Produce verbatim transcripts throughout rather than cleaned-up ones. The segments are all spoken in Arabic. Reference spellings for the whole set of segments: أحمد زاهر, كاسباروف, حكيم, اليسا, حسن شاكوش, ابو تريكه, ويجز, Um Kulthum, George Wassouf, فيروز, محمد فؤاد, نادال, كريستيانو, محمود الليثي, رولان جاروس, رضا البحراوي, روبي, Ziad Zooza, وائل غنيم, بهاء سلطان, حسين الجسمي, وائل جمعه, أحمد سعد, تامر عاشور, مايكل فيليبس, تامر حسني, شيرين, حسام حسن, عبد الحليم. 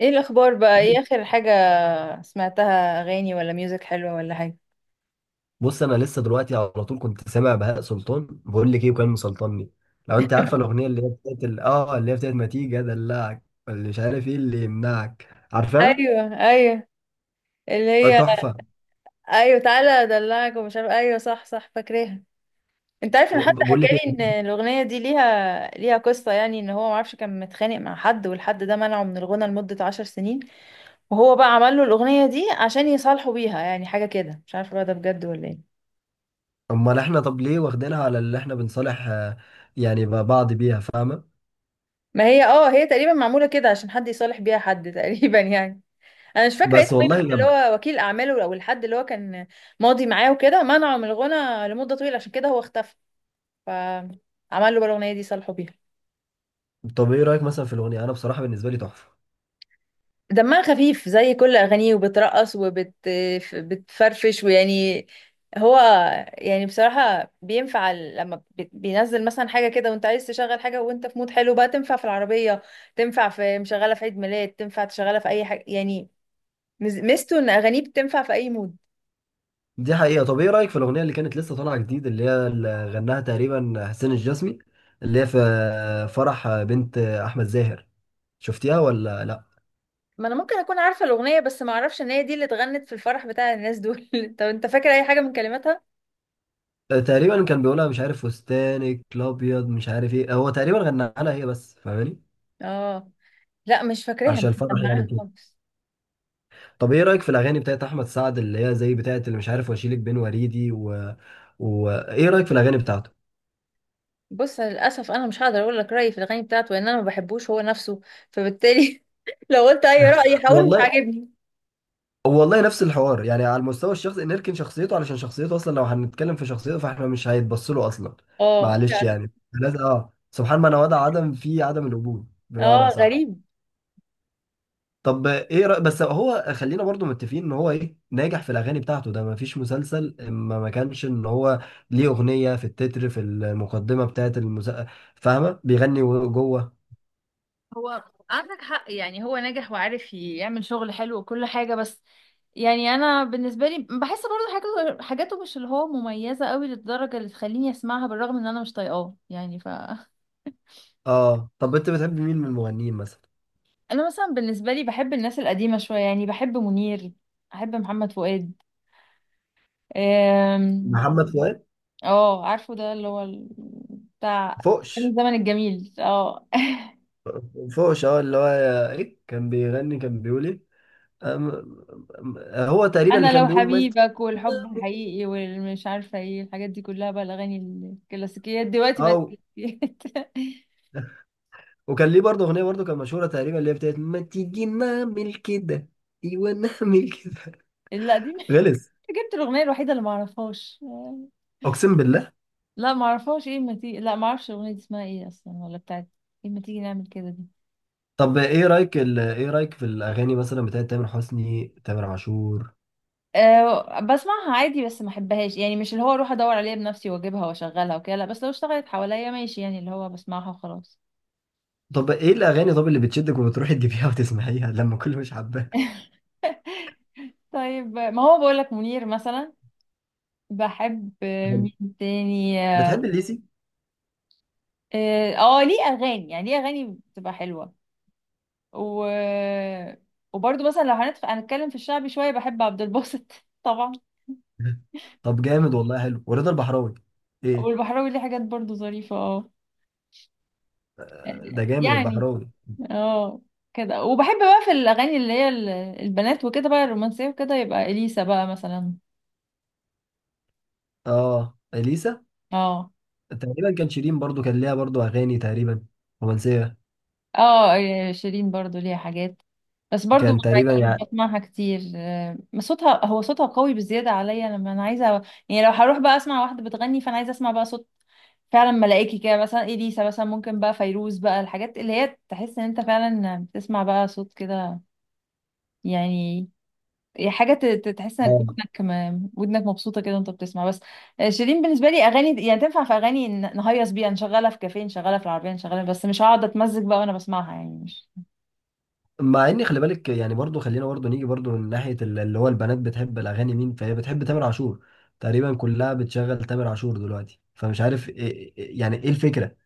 ايه الاخبار بقى، ايه اخر حاجة؟ سمعتها اغاني ولا ميوزك حلوة ولا حاجة؟ بص، انا لسه دلوقتي على طول كنت سامع بهاء سلطان. بقول لك ايه؟ وكان مسلطني. لو انت عارفه الاغنيه اللي هي بتاعت ال- اه اللي هي بتاعت ما تيجي ادلعك، اللي مش عارف ايه اللي يمنعك، عارفها؟ ايوه، ايوه. اللي آه، هي، تحفه. ايوه تعالى ادلعك ومش عارف، ايوه صح صح فاكراها. انت عارف ان حتى بقول لك ايه؟ حكالي ان الاغنية دي ليها ليها قصة، يعني ان هو معرفش، كان متخانق مع حد والحد ده منعه من الغنى لمدة عشر سنين. وهو بقى عمل له الاغنية دي عشان يصالحوا بيها، يعني حاجة كده مش عارفة بقى ده بجد ولا ايه. امال احنا طب ليه واخدينها على اللي احنا بنصالح آه، يعني بعض بيها؟ فاهمه؟ ما هي اه هي تقريبا معمولة كده عشان حد يصالح بيها حد تقريبا يعني. انا مش فاكره بس اسمه ايه، والله بس اللي لما... هو وكيل اعماله او الحد اللي هو كان ماضي معاه وكده منعه من الغنى لمده طويله، عشان كده هو اختفى، فعمل له بقى الاغنيه دي صالحه بيها. طب ايه رايك مثلا في الاغنيه؟ انا بصراحه بالنسبه لي تحفه. دمها خفيف زي كل اغانيه، وبترقص وبتفرفش ويعني هو، يعني بصراحه بينفع ال- لما بي- بينزل مثلا حاجه كده وانت عايز تشغل حاجه وانت في مود حلو، بقى تنفع في العربيه، تنفع في مشغله، في عيد ميلاد، تنفع تشغلها في اي حاجه يعني. مز- ميزته ان اغانيه بتنفع في اي مود. دي حقيقة. طب ايه رأيك في الأغنية اللي كانت لسه طالعة جديد، اللي هي اللي غناها تقريبا حسين الجسمي، اللي هي في فرح بنت أحمد زاهر؟ شفتيها ولا لا؟ ما انا ممكن اكون عارفه الاغنيه، بس ما اعرفش ان هي دي اللي اتغنت في الفرح بتاع الناس دول طب انت فاكر اي حاجه من كلماتها؟ آه، تقريبا كان بيقولها مش عارف فستانك الأبيض مش عارف ايه. هو تقريبا غناها لها هي بس. فاهماني؟ اه، لا مش فاكراها، عشان مش الفرح يعني مجمعاها كده. خالص. طب ايه رأيك في الأغاني بتاعت أحمد سعد؟ اللي هي زي بتاعت اللي مش عارف واشيلك بين وريدي و... و... ايه رأيك في الأغاني بتاعته؟ بص للاسف انا مش هقدر اقول لك رايي في الاغاني بتاعته، لان انا ما بحبوش هو نفسه، فبالتالي لو قلت اي راي هقول مش والله عاجبني. والله، نفس الحوار يعني على المستوى الشخصي. نركن شخصيته، علشان شخصيته اصلا لو هنتكلم في شخصيته فاحنا مش هيتبص له اصلا. اه معلش يعني. يعني لازم. اه سبحان من وضع عدم في عدم الوجود، اه بمعنى صح. غريب. طب ايه رأي؟ بس هو خلينا برضو متفقين ان هو ايه، ناجح في الاغاني بتاعته. ده ما فيش مسلسل ما ما كانش ان هو ليه اغنية في التتر في المقدمة بتاعت المسا... فاهمة؟ بيغني جوه. هو عندك حق، يعني هو نجح وعارف يعمل شغل حلو وكل حاجة، بس يعني انا بالنسبه لي بحس برضه حاجاته حاجاته مش اللي هو مميزه قوي للدرجه اللي تخليني اسمعها، بالرغم ان انا مش طايقاه يعني ف اه، طب انت بتحب مين من المغنيين مثلا؟ انا مثلا بالنسبه لي بحب الناس القديمه شويه، يعني بحب منير، احب محمد فؤاد. أم، محمد فؤاد. اه، عارفه ده اللي هو ال- بتاع أيام فوقش الزمن الجميل، اه فوش، اه اللي هو ايه كان بيغني؟ كان بيقول ايه؟ أم... أم- هو تقريبا اللي انا كان لو بيقول ما... حبيبك والحب الحقيقي والمش عارفه ايه الحاجات دي كلها بقى، الاغاني الكلاسيكيات دلوقتي بقت اه، كلاسيكيات وكان ليه برضه اغنيه برضه كان مشهوره تقريبا اللي هي بتاعت ما تيجي نعمل كده. ايوه نعمل كده، لا دي غلس. جبت الاغنيه الوحيده اللي ما اعرفهاش. اقسم بالله. لا معرفهاش ايه ما تيجي، لا معرفش الاغنيه دي اسمها ايه اصلا ولا بتاعت ايه، ما تيجي نعمل كده دي. طب ايه رايك ال... ايه رايك في الاغاني مثلا بتاعت تامر حسني، تامر عاشور؟ أه بسمعها عادي، بس ما احبهاش يعني، مش اللي هو اروح ادور عليها بنفسي واجيبها واشغلها وكده، لا، بس لو اشتغلت حواليا ماشي يعني، اللي هو بسمعها وخلاص طب ايه الاغاني، طب اللي بتشدك وبتروحي تجيبيها وتسمعيها لما كل مش حباها؟ طيب ما هو بقول لك منير مثلا. بحب، آه، حلو. مين تاني اه. بتحب الليسي؟ آه، ليه اغاني، يعني ليه اغاني بتبقى حلوه، و وبرضه مثلا لو هنتف- هنتكلم في الشعبي شويه، بحب عبد الباسط طبعا. طب جامد والله، حلو. ورضا البحراوي، ايه؟ والبحراوي ليه حاجات برضه ظريفه، اه ده جامد يعني، البحراوي. اه كده، وبحب بقى في الاغاني اللي هي ال- البنات وكده، بقى الرومانسيه وكده، يبقى اليسا بقى مثلا. اه، اليسا. اه، تقريبا كان شيرين برضو كان ليها برضو اغاني تقريبا رومانسيه. اه، آه، شيرين برضو ليها حاجات، بس برضو كان ما- تقريبا يعني مش يعني... بسمعها كتير. آه، صوتها، هو صوتها قوي بزياده عليا، لما انا عايزه يعني، لو هروح بقى اسمع واحده بتغني، فانا عايزه اسمع بقى صوت فعلا ملائكي كده، مثلا اليسا، مثلا ممكن بقى فيروز، بقى الحاجات اللي هي تحس ان انت فعلا بتسمع بقى صوت كده يعني. هي حاجة ت- ت- تحس انك آه. ودنك م- ودنك مبسوطة كده وانت بتسمع بس. آه، شيرين بالنسبة لي اغاني، يعني تنفع في اغاني ن- نهيص بيها، نشغلها في كافيه، نشغلها في العربية، نشغلها، بس مش هقعد اتمزج بقى وانا بسمعها يعني، مش. مع ان خلي بالك، يعني برضو خلينا برضو نيجي برضو من ناحيه ال- اللي هو البنات بتحب الاغاني مين؟ فهي بتحب تامر عاشور. تقريبا كلها بتشغل تامر عاشور دلوقتي، فمش عارف إيه إيه- يعني ايه الفكره؟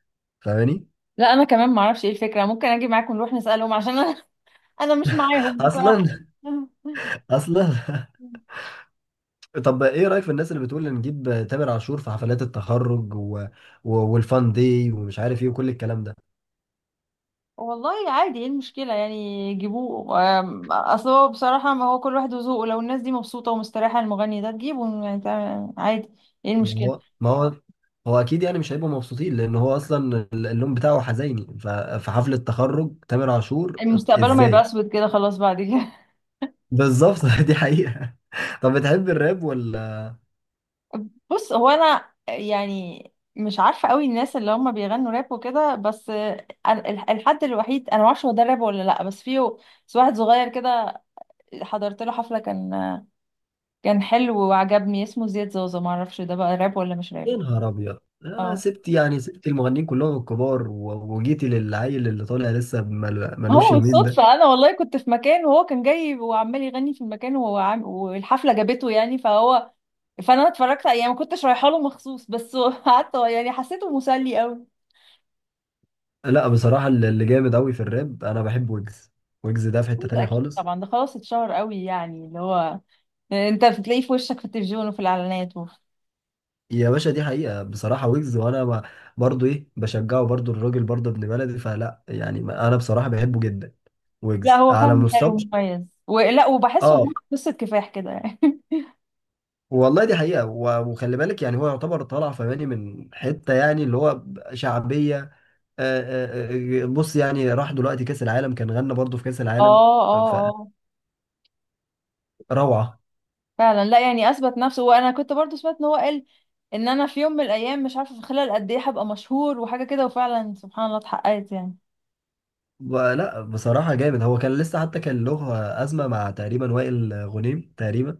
فاهماني؟ لا، انا كمان ما اعرفش ايه الفكرة، ممكن اجي معاكم نروح نسألهم عشان انا انا مش معاهم اصلا، بصراحة اصلا. طب ايه رايك في الناس اللي بتقول نجيب تامر عاشور في حفلات التخرج و... و... والفان دي ومش عارف ايه وكل الكلام ده؟ والله عادي، ايه المشكلة؟ يعني جيبوه. آم، اصل هو بصراحة، ما هو كل واحد وذوقه، لو الناس دي مبسوطة ومستريحة المغني ده تجيبه يعني، تع- عادي، ايه ما المشكلة؟ هو ما هو هو اكيد يعني مش هيبقوا مبسوطين، لان هو اصلا ال- اللون بتاعه حزيني. ففي حفلة تخرج تامر عاشور؟ مستقبله ما يبقى ازاي؟ اسود كده خلاص بعد كده. بالظبط. دي حقيقة. طب بتحب الراب ولا؟ بص هو انا يعني مش عارفه قوي الناس اللي هم بيغنوا راب وكده، بس أنا- الح- الحد الوحيد انا ما اعرفش هو ده راب ولا لا، بس فيه، بس واحد صغير كده حضرت له حفله، كان كان حلو وعجبني، اسمه زياد زوزة، ما اعرفش ده بقى راب ولا مش يا راب. نهار ابيض! آه اه، سبت يعني سبت المغنيين كلهم الكبار و- وجيتي للعيل اللي طالع لسه مل- ما هو ملوش يومين بالصدفه، ده؟ انا والله كنت في مكان وهو كان جاي وعمال يغني في المكان، وهو عام- والحفله جابته يعني، فهو فانا اتفرجت يعني، ما كنتش رايحه له مخصوص، بس قعدت يعني حسيته مسلي قوي. لا بصراحة، اللي اللي جامد قوي في الراب انا بحب ويجز. ويجز ده في حتة ده تانية اكيد خالص. طبعا، ده خلاص اتشهر قوي يعني، اللي هو انت بتلاقيه في وشك في التلفزيون وفي الاعلانات وفي... يا باشا، دي حقيقة بصراحة. ويجز وانا ما- برضو ايه بشجعه برضو، الراجل برضو ابن بلدي، فلا يعني ما- انا بصراحة بحبه جدا. لا ويجز هو على فعلا حلو مستوى... ومميز، ولا وبحسه ان اه هو قصه كفاح كده يعني والله، دي حقيقة. و- وخلي بالك يعني هو يعتبر طالع فماني من حتة، يعني اللي هو شعبية. آه، آه، آه، بص يعني راح دلوقتي كأس العالم، كان غنى برضو في كأس اه، العالم. اه، اه فروعة. فعلا، لا يعني اثبت نفسه، وانا كنت برضو سمعت ان هو قال ان انا في يوم من الايام، مش عارفه في خلال قد ايه، هبقى مشهور وحاجه كده، وفعلا سبحان الله اتحققت يعني. لا بصراحة جامد. هو كان لسه حتى كان له أزمة مع تقريبا وائل غنيم تقريبا.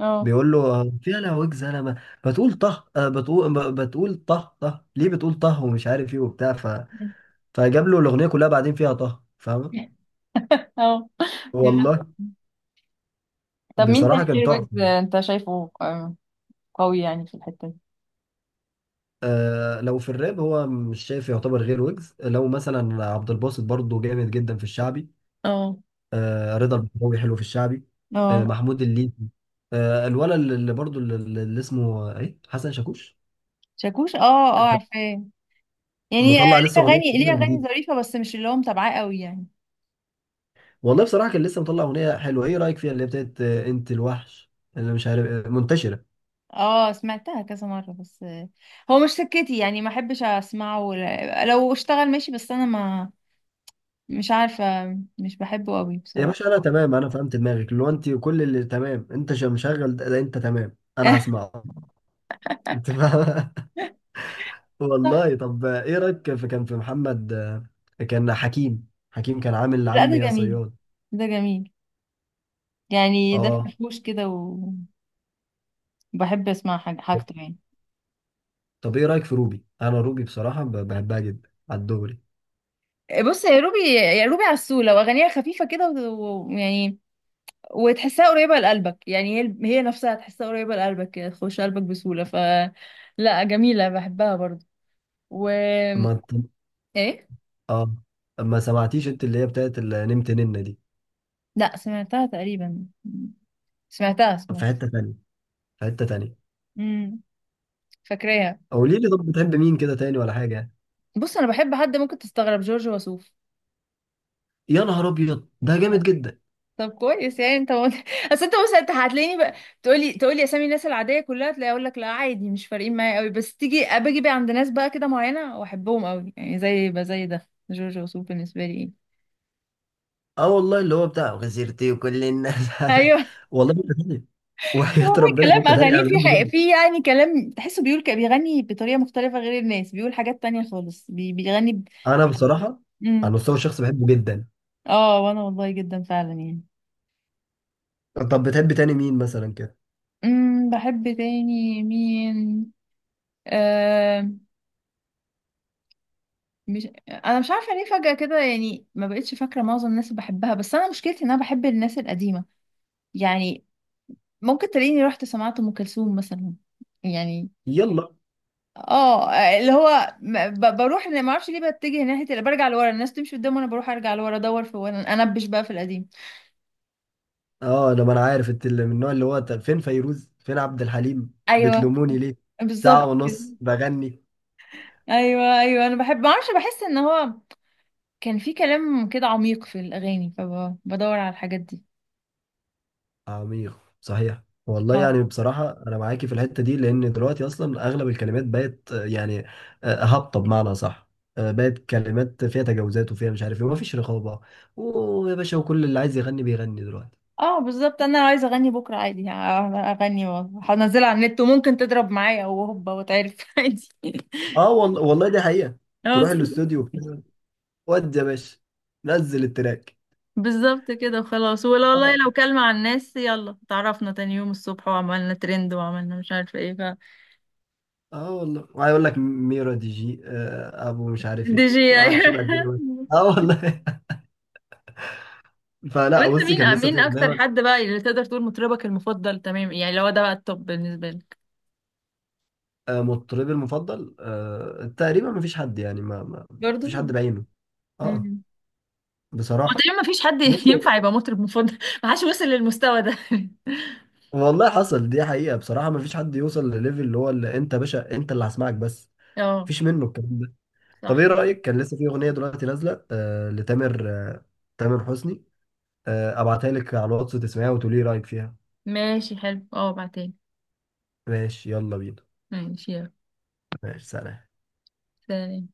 اه بيقول له فيها لهوك زلمه، بتقول طه، آه، بتقول ب- بتقول طه طه، ليه بتقول طه ومش عارف ايه وبتاع ف... فجاب له الاغنيه كلها بعدين فيها طه، فاهم؟ اه، والله طب مين بصراحه، تاني كان غير ويجز تحفه. انت شايفه؟ آه، قوي يعني في الحته دي. آه، لو في الراب هو مش شايف يعتبر غير ويجز. لو مثلا عبد الباسط برضه جامد جدا في الشعبي. اه، آه، رضا البحراوي حلو في الشعبي. اه، آه، محمود الليثي. آه الولد اللي برضه، اللي اللي اسمه ايه، حسن شاكوش. شاكوش، اه، اه، عارفاه يعني، ليه مطلع لسه اغنيه اغاني ليه اغاني جديده. ظريفه، بس مش اللي هو متابعاه قوي يعني. والله بصراحة، كان لسه مطلع أغنية حلوة. إيه رأيك فيها؟ اللي هي بتاعت آه، أنت الوحش اللي مش عارف، آه، منتشرة. اه سمعتها كذا مره، بس هو مش سكتي يعني، ما احبش اسمعه، ولا لو اشتغل ماشي، بس انا ما مش عارفه، مش بحبه قوي يا بصراحه. باشا، أنا تمام. أنا فهمت دماغك. اللي هو أنت وكل اللي تمام، أنت ش- مشغل ده ده أنت تمام أنا هسمعه. أنت فاهم؟ صح، والله. طب آه، إيه رأيك في كان في محمد، آه، كان حكيم، حكيم كان عامل لا ده عمي يا جميل، صياد. ده جميل يعني، ده أه. فرفوش كده، وبحب اسمع حاج- حاجته يعني. طب إيه رأيك في روبي؟ أنا روبي بصراحة ب- بحبها جدا على الدغري. بص يا روبي، يا روبي عسول لو اغانيها خفيفه كده، ويعني وتحسها قريبة لقلبك، يعني هي هي نفسها تحسها قريبة لقلبك كده، تخش قلبك بسهولة، ف لا جميلة بحبها برضو، و ما أنت. ايه. أه، ما سمعتيش أنت اللي هي بتاعت اللي نمت ننة دي؟ لا سمعتها تقريبا، سمعتها في سمعتها، حتة تانية، في حتة تانية. امم فاكراها. او ليه لي؟ طب بتحب مين كده تاني ولا حاجه يعني؟ بص انا بحب حد ممكن تستغرب، جورج وسوف. يا نهار ابيض! ده جامد جدا. طب كويس يعني، انت مت... اصل انت، بص انت هتلاقيني بقى، تقولي تقولي اسامي الناس العاديه كلها، تلاقي اقول لك لا عادي مش فارقين معايا قوي، بس تيجي باجي بقى عند ناس بقى كده معينه واحبهم قوي يعني، زي بقى زي ده جورج وسوف بالنسبه لي. اه والله، اللي هو بتاع غزيرتي وكل الناس على... ايه، والله في حته تانيه، وحياه هو ربنا في كلام حته تانيه، اغانيه انا في بحبه حق، جدا. في يعني كلام تحسه بيقول ك- بيغني بطريقه مختلفه غير الناس، بيقول حاجات تانية خالص، بي بيغني ب... انا بصراحه على مم. المستوى الشخصي بحبه جدا. اه، وانا والله جدا فعلا يعني. طب بتحب تاني مين مثلا كده؟ امم بحب تاني مين؟ آه مش انا مش عارفه ليه فجاه كده يعني، ما بقتش فاكره معظم الناس اللي بحبها، بس انا مشكلتي ان انا بحب الناس القديمه يعني، ممكن تلاقيني رحت سمعت ام كلثوم مثلا يعني. يلا. اه، اللي هو م- ب- بروح، انا ما اعرفش ليه، بتجه ناحيه اللي برجع لورا، الناس تمشي قدام وانا بروح ارجع لورا ادور في وانا انبش بقى في القديم. اه، انا ما انا عارف انت اللي من النوع اللي هو، طب فين فيروز، فين عبد الحليم؟ ايوه بتلوموني ليه؟ ساعه بالظبط كده، ونص بغني. ايوه، ايوه، انا بحب ما اعرفش، بحس ان هو كان في كلام كده عميق في الاغاني، فبدور على الحاجات دي. عميق صحيح والله، اه، يعني بصراحة أنا معاكي في الحتة دي، لأن دلوقتي أصلا أغلب الكلمات بقت آه، يعني آه، هابطة، بمعنى صح. آه، بقت كلمات فيها تجاوزات وفيها مش عارف إيه ومفيش رقابة. ويا باشا، وكل اللي عايز يغني بيغني دلوقتي. اه بالظبط، انا لو عايزه اغني بكره عادي، ه- اغني وهنزلها على النت، وممكن تضرب معايا وهوبا وتعرف عادي. أه والله، والله دي حقيقة. اه تروح الاستوديو بتاع، ودي يا باشا، نزل التراك. بالظبط كده وخلاص، ولا والله أه، لو كلمة على الناس يلا تعرفنا تاني يوم الصبح وعملنا ترند وعملنا مش عارفة ايه ف. أه والله، وهيقول لك ميرا دي جي، آه، أبو مش عارف دي إيه، جي وقعدت تبقى أيوة. الدنيا ماشية. أه والله. طب فلا، انت بصي كان مين لسه في مين اكتر أغنية. حد بقى اللي تقدر تقول مطربك المفضل، تمام؟ يعني لو ده بقى التوب بالنسبة لك. آه، مطربي المفضل آه، تقريبا ما فيش حد، يعني ما ما برضو فيش حد بعينه. اه امم هو بصراحة. تقريبا مفيش حد بص ينفع يبقى مطرب مفضل ما حدش وصل للمستوى ده. والله، حصل دي حقيقة بصراحة. ما فيش حد يوصل لليفل اللي هو اللي انت باشا، انت اللي هسمعك بس. اه مفيش منه الكلام ده. طب صح، ايه رأيك، كان لسه في اغنية دلوقتي نازلة آه لتامر، آه تامر حسني. آه ابعتها لك على الواتس، تسمعيها وتقولي إيه رأيك فيها. ماشي حلو، اه بعدين، ماشي، يلا بينا. ماشي يلا، ماشي، سلام. سلام.